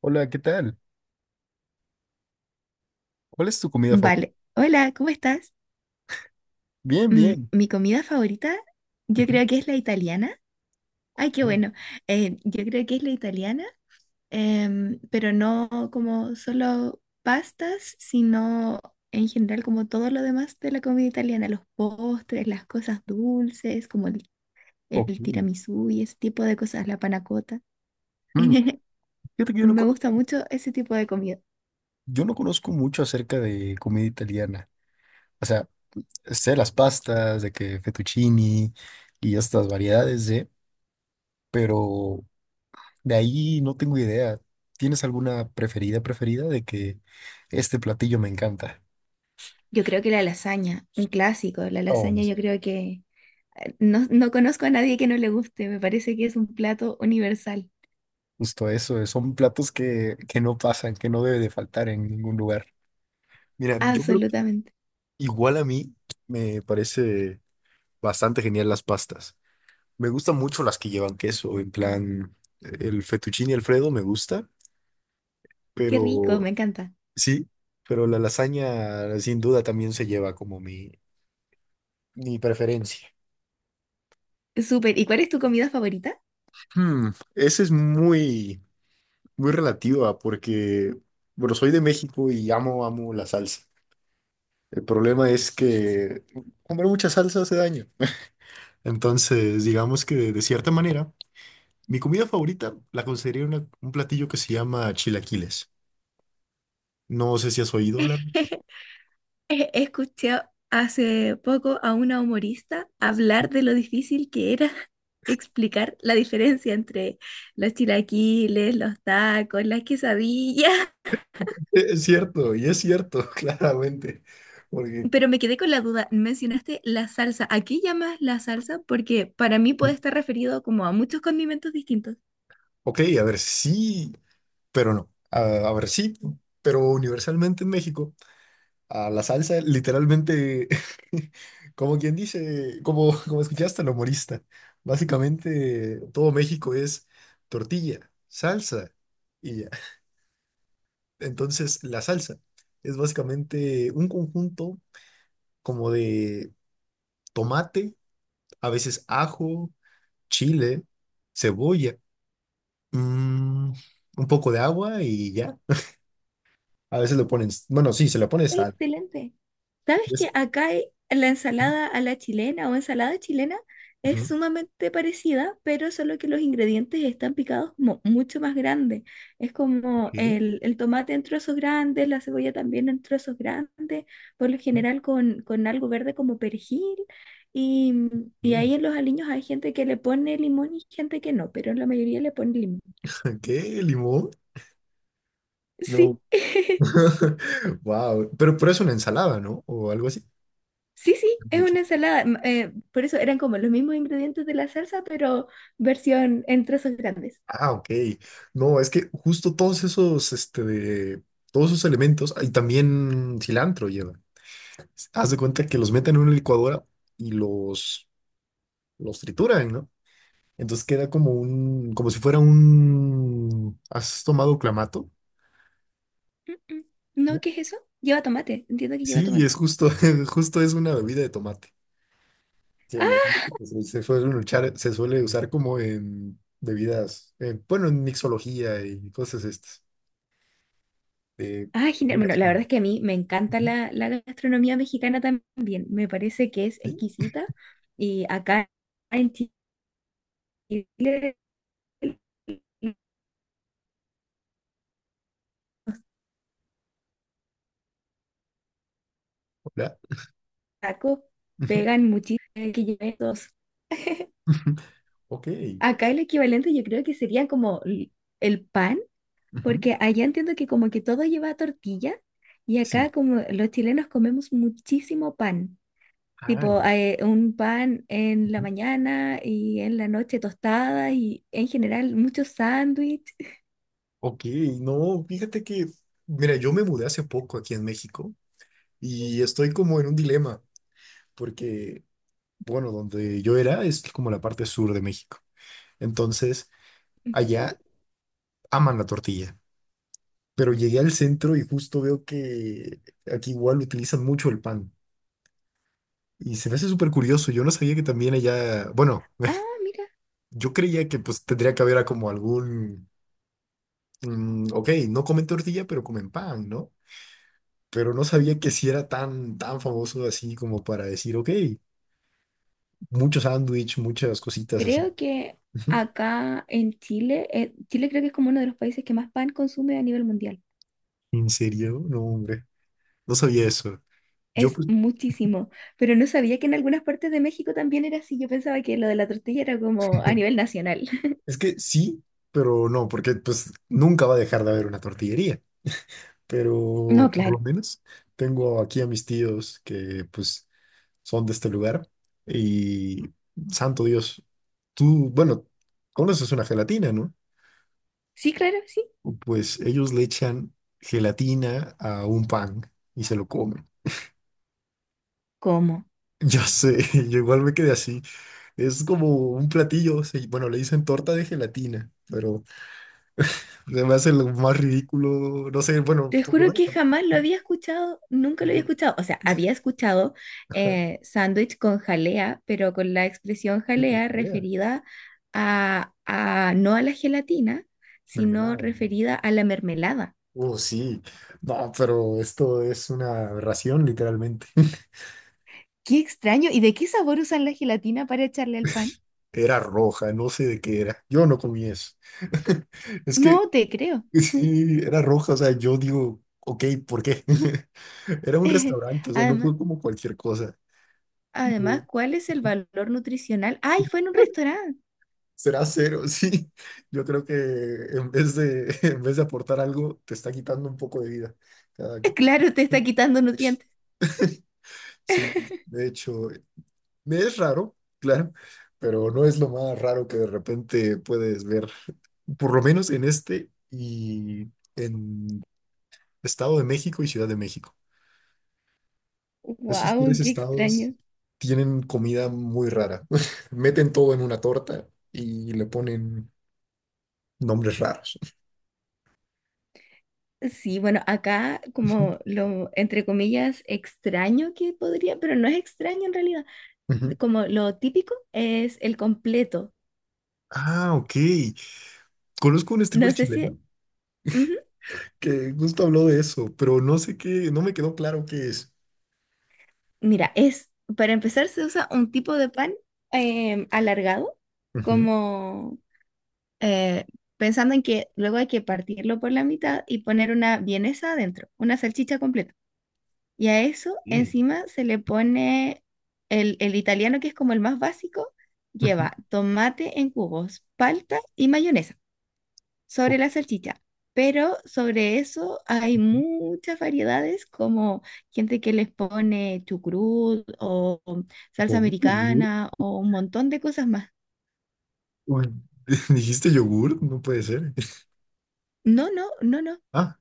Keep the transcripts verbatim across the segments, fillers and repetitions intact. Hola, ¿qué tal? ¿Cuál es tu comida favorita? Vale. Hola, ¿cómo estás? Bien, Mm, bien. mi comida favorita, yo creo que es la italiana. Ay, qué bueno. Eh, yo creo que es la italiana, em, pero no como solo pastas, sino en general como todo lo demás de la comida italiana, los postres, las cosas dulces, como el, Ok. el tiramisú y ese tipo de cosas, la panna cotta. Mm, fíjate que yo no Me conozco, gusta mucho ese tipo de comida. yo no conozco mucho acerca de comida italiana. O sea, sé las pastas, de que fettuccini y estas variedades de, pero de ahí no tengo idea. ¿Tienes alguna preferida, preferida de que este platillo me encanta? Yo creo que la lasaña, un clásico, la Oh, lasaña yo sí. creo que no, no conozco a nadie que no le guste. Me parece que es un plato universal. Justo eso, eh, son platos que, que no pasan, que no debe de faltar en ningún lugar. Mira, yo creo que Absolutamente. igual a mí me parece bastante genial las pastas. Me gustan mucho las que llevan queso, en plan, el fettuccine Alfredo me gusta, Qué rico, me pero encanta. sí, pero la lasaña sin duda también se lleva como mi, mi preferencia. Súper. ¿Y cuál es tu comida favorita? Hmm, ese es muy, muy relativa porque, bueno, soy de México y amo, amo la salsa. El problema es que comer mucha salsa hace daño. Entonces, digamos que de cierta manera, mi comida favorita la consideraría una- un platillo que se llama chilaquiles. No sé si has oído hablar. Eh, escuché hace poco a una humorista hablar de lo difícil que era explicar la diferencia entre los chilaquiles, los tacos, las quesadillas. Es cierto, y es cierto, claramente. Porque Pero me quedé con la duda, mencionaste la salsa. ¿A qué llamas la salsa? Porque para mí puede estar referido como a muchos condimentos distintos. ok, a ver, sí, pero no. A, a ver, sí, pero universalmente en México, a la salsa literalmente, como quien dice, como, como escuchaste al humorista, básicamente todo México es tortilla, salsa y ya. Entonces, la salsa es básicamente un conjunto como de tomate, a veces ajo, chile, cebolla, mm, un poco de agua y ya. A veces lo ponen, bueno, sí, se le pone sal. Excelente. ¿Sabes que Es- acá hay- la ujú, ensalada a la chilena o ensalada chilena es ujú, sumamente parecida, pero solo que los ingredientes están picados mo- mucho más grandes? Es como ok, el, el tomate en trozos grandes, la cebolla también en trozos grandes, por lo ujú. general con, con algo verde como perejil. Y, y ahí en los aliños hay gente que le pone limón y gente que no, pero la mayoría le pone limón. ¿Qué? ¿Limón? No. Sí. Wow. Pero, pero es una ensalada, ¿no? O algo así. Sí, sí, De es hecho. una ensalada. M- eh, por eso eran como los mismos ingredientes de la salsa, pero versión en trozos grandes. Ah, ok. No, es que justo todos esos, este, de- todos esos elementos, y también cilantro llevan. Haz de cuenta que los meten en una licuadora y los, los trituran, ¿no? Entonces queda como un, como si fuera un, ¿has tomado clamato? Mm, mm. No, ¿No? ¿qué es eso? Lleva tomate. Entiendo que lleva Sí, y es tomate. justo, justo es una bebida de tomate. Que no, Ah, pues, eh, se suele luchar- se suele usar como en bebidas, eh, bueno, en mixología y cosas estas. De ah, genial. Bueno, bebidas la verdad con- es que a mí me encanta Ujú, la, la gastronomía mexicana también. Me parece que es ¿sí? exquisita. Y acá en Chile los Hola. tacos Ujú, pegan muchísimo. Eh, que lleven dos. ujú. Ok. Acá el equivalente yo creo que sería como l- el pan. Ujú. Porque allá entiendo que como que todo lleva tortilla y Sí. acá como los chilenos comemos muchísimo pan. Ah, Tipo, no, eh, un pan en la ujú. mañana y en la noche tostada y en general muchos sándwiches. Ok, no, fíjate que, mira, yo me mudé hace poco aquí en México y estoy como en un dilema porque bueno, donde yo era, es como la parte sur de México. Entonces, allá aman la tortilla. Pero llegué al centro y justo veo que aquí igual utilizan mucho el pan. Y se me hace súper curioso. Yo no sabía que también allá, bueno, Ah, mira, yo creía que pues tendría que haber a como algún, mm, ok, no comen tortilla, pero comen pan, ¿no? Pero no sabía que si era tan, tan famoso así como para decir, ok, mucho sándwich, muchas cositas así. creo que Ujú. acá en Chile, eh, Chile creo que es como uno de los países que más pan consume a nivel mundial. ¿En serio? No, hombre, no sabía eso. Yo Es pues muchísimo, pero no sabía que en algunas partes de México también era así. Yo pensaba que lo de la tortilla era como a nivel nacional. es que sí, pero no, porque pues nunca va a dejar de haber una tortillería. No, Pero por claro. lo menos tengo aquí a mis tíos que pues son de este lugar y santo Dios, tú, bueno, conoces una gelatina, ¿no? Sí, claro, sí. Pues ellos le echan gelatina a un pan y se lo comen. ¿Cómo? Yo sé, yo igual me quedé así. Es como un platillo, se- bueno, le dicen torta de gelatina, pero se me hace lo más ridículo, no sé, bueno, Te tú lo juro ves. que jamás lo había escuchado, nunca lo había Yo, escuchado. O sea, había escuchado eh, sándwich con jalea, pero con la expresión yo con jalea jalea, referida a, a no a la gelatina, sino mermelada, ¿no? referida a la mermelada. Oh, sí. No, pero esto es una aberración literalmente. Qué extraño. ¿Y de qué sabor usan la gelatina para echarle al pan? Era roja, no sé de qué era. Yo no comí eso. Es que No te creo. sí, era roja, o sea, yo digo, ok, ¿por qué? Era un restaurante, o sea, no Además, fue como cualquier cosa. Yo, además, ¿cuál es el valor nutricional? ¡Ay, fue en un restaurante! será cero, sí. Yo creo que en vez de, en vez de aportar algo, te está quitando un poco de vida cada que- comes. Claro, te está quitando nutrientes. Sí, de hecho, me es raro, claro, pero no es lo más raro que de repente puedes ver, por lo menos en este y en Estado de México y Ciudad de México. Esos ¡Wow! tres ¡Qué estados extraño! tienen comida muy rara. Meten todo en una torta y le ponen nombres raros. Sí, bueno, acá como lo, entre comillas, extraño que podría, pero no es extraño en realidad. Ujú. Como lo típico es el completo. Ah, ok. Conozco un No streamer sé si... chileno ujú. que justo habló de eso, pero no sé qué, no me quedó claro qué es. Mira, es, para empezar se usa un tipo de pan em, alargado, Ujú. como eh, pensando en que luego hay que partirlo por la mitad y poner una vienesa adentro, una salchicha completa. Y a eso Sí. encima se le pone el, el italiano, que es como el más básico, Ujú. lleva tomate en cubos, palta y mayonesa sobre la salchicha. Pero sobre eso hay muchas variedades, como gente que les pone chucrut o salsa Ok. americana o un montón de cosas más. Uy, dijiste yogur, no puede ser. No, no, no, no. Ah,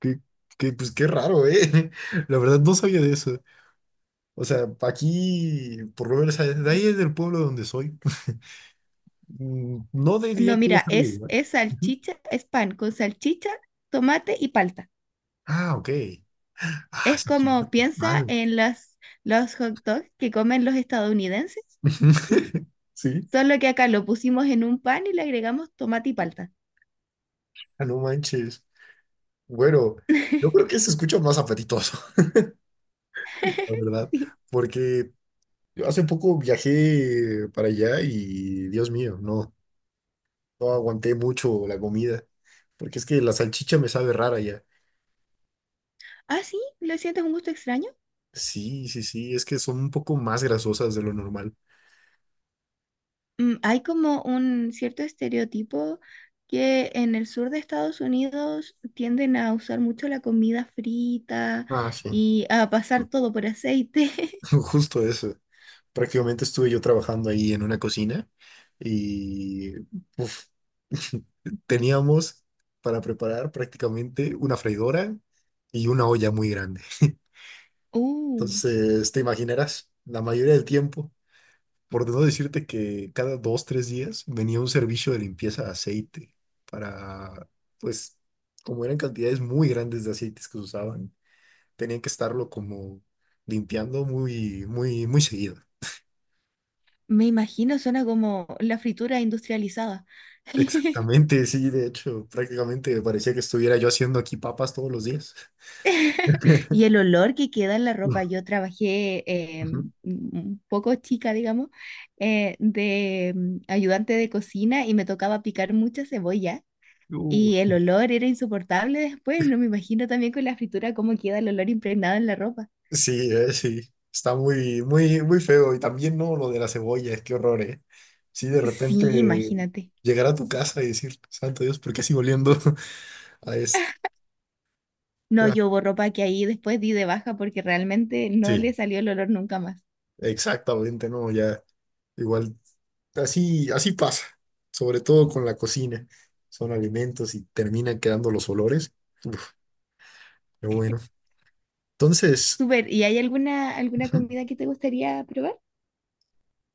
qué, qué, pues qué raro, ¿eh? La verdad no sabía de eso. O sea, aquí, por lo menos, de ahí es del pueblo donde soy. Mm, no No, diría que haya mira, estado de es, Uruguay. es Ujú. salchicha, es pan con salchicha, tomate y palta. Ah, ok. Ah, Es sí, cierto. como piensa Mal. en las, los hot dogs que comen los estadounidenses, Sí. solo que acá lo pusimos en un pan y le agregamos tomate y palta. Ah, no manches. Bueno, yo creo que se escucha más apetitoso, la verdad, Sí. porque yo hace poco viajé para allá y, Dios mío, no. No aguanté mucho la comida, porque es que la salchicha me sabe rara ya. Ah, sí, ¿lo sientes un gusto extraño? Sí, sí, sí, es que son un poco más grasosas de lo normal. Mm, hay como un cierto estereotipo que en el sur de Estados Unidos tienden a usar mucho la comida frita Ah, sí, y a pasar todo por aceite. justo eso. Prácticamente estuve yo trabajando ahí en una cocina y uf, teníamos para preparar prácticamente una freidora y una olla muy grande. Uh, Entonces, te imaginarás, la mayoría del tiempo. Por no decirte que cada dos, tres días venía un servicio de limpieza de aceite para, pues, como eran cantidades muy grandes de aceites que se usaban, tenían que estarlo como limpiando muy, muy, muy seguido. me imagino, suena como la fritura industrializada. Exactamente, sí, de hecho, prácticamente parecía que estuviera yo haciendo aquí papas todos los días. Y el olor que queda en la Uf, ropa. Yo trabajé eh, un poco chica, digamos, eh, de mm, ayudante de cocina y me tocaba picar mucha cebolla ujú. y el olor era insoportable después. No me imagino también con la fritura cómo queda el olor impregnado en la ropa. Sí, eh, sí. Está muy, muy, muy feo. Y también, ¿no? Lo de las cebollas, qué horror, ¿eh? Sí, de Sí, repente imagínate. llegar a tu casa y decir, santo Dios, ¿por qué sigo oliendo a esto? No, Ah, yo hubo ropa que ahí después di de baja porque realmente no sí, le salió el olor nunca más. exactamente, ¿no? Ya, igual, así, así pasa, sobre todo con la cocina. Son alimentos y terminan quedando los olores. Uf, qué bueno. Entonces, Súper, ¿y hay alguna, alguna ujú, comida que te gustaría probar?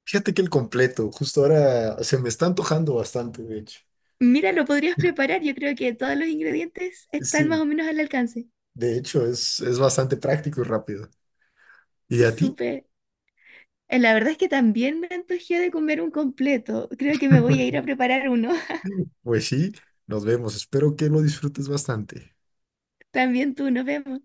fíjate que el completo, justo ahora se me está antojando bastante, de hecho. Mira, lo podrías preparar. Yo creo que todos los ingredientes están más Sí. o menos al alcance. De hecho, es, es bastante práctico y rápido. ¿Y a ti? Súper. Eh, La verdad es que también me antojé de comer un completo. Creo que me voy a ir a preparar uno. Pues sí, nos vemos. Espero que lo disfrutes bastante. También tú, nos vemos.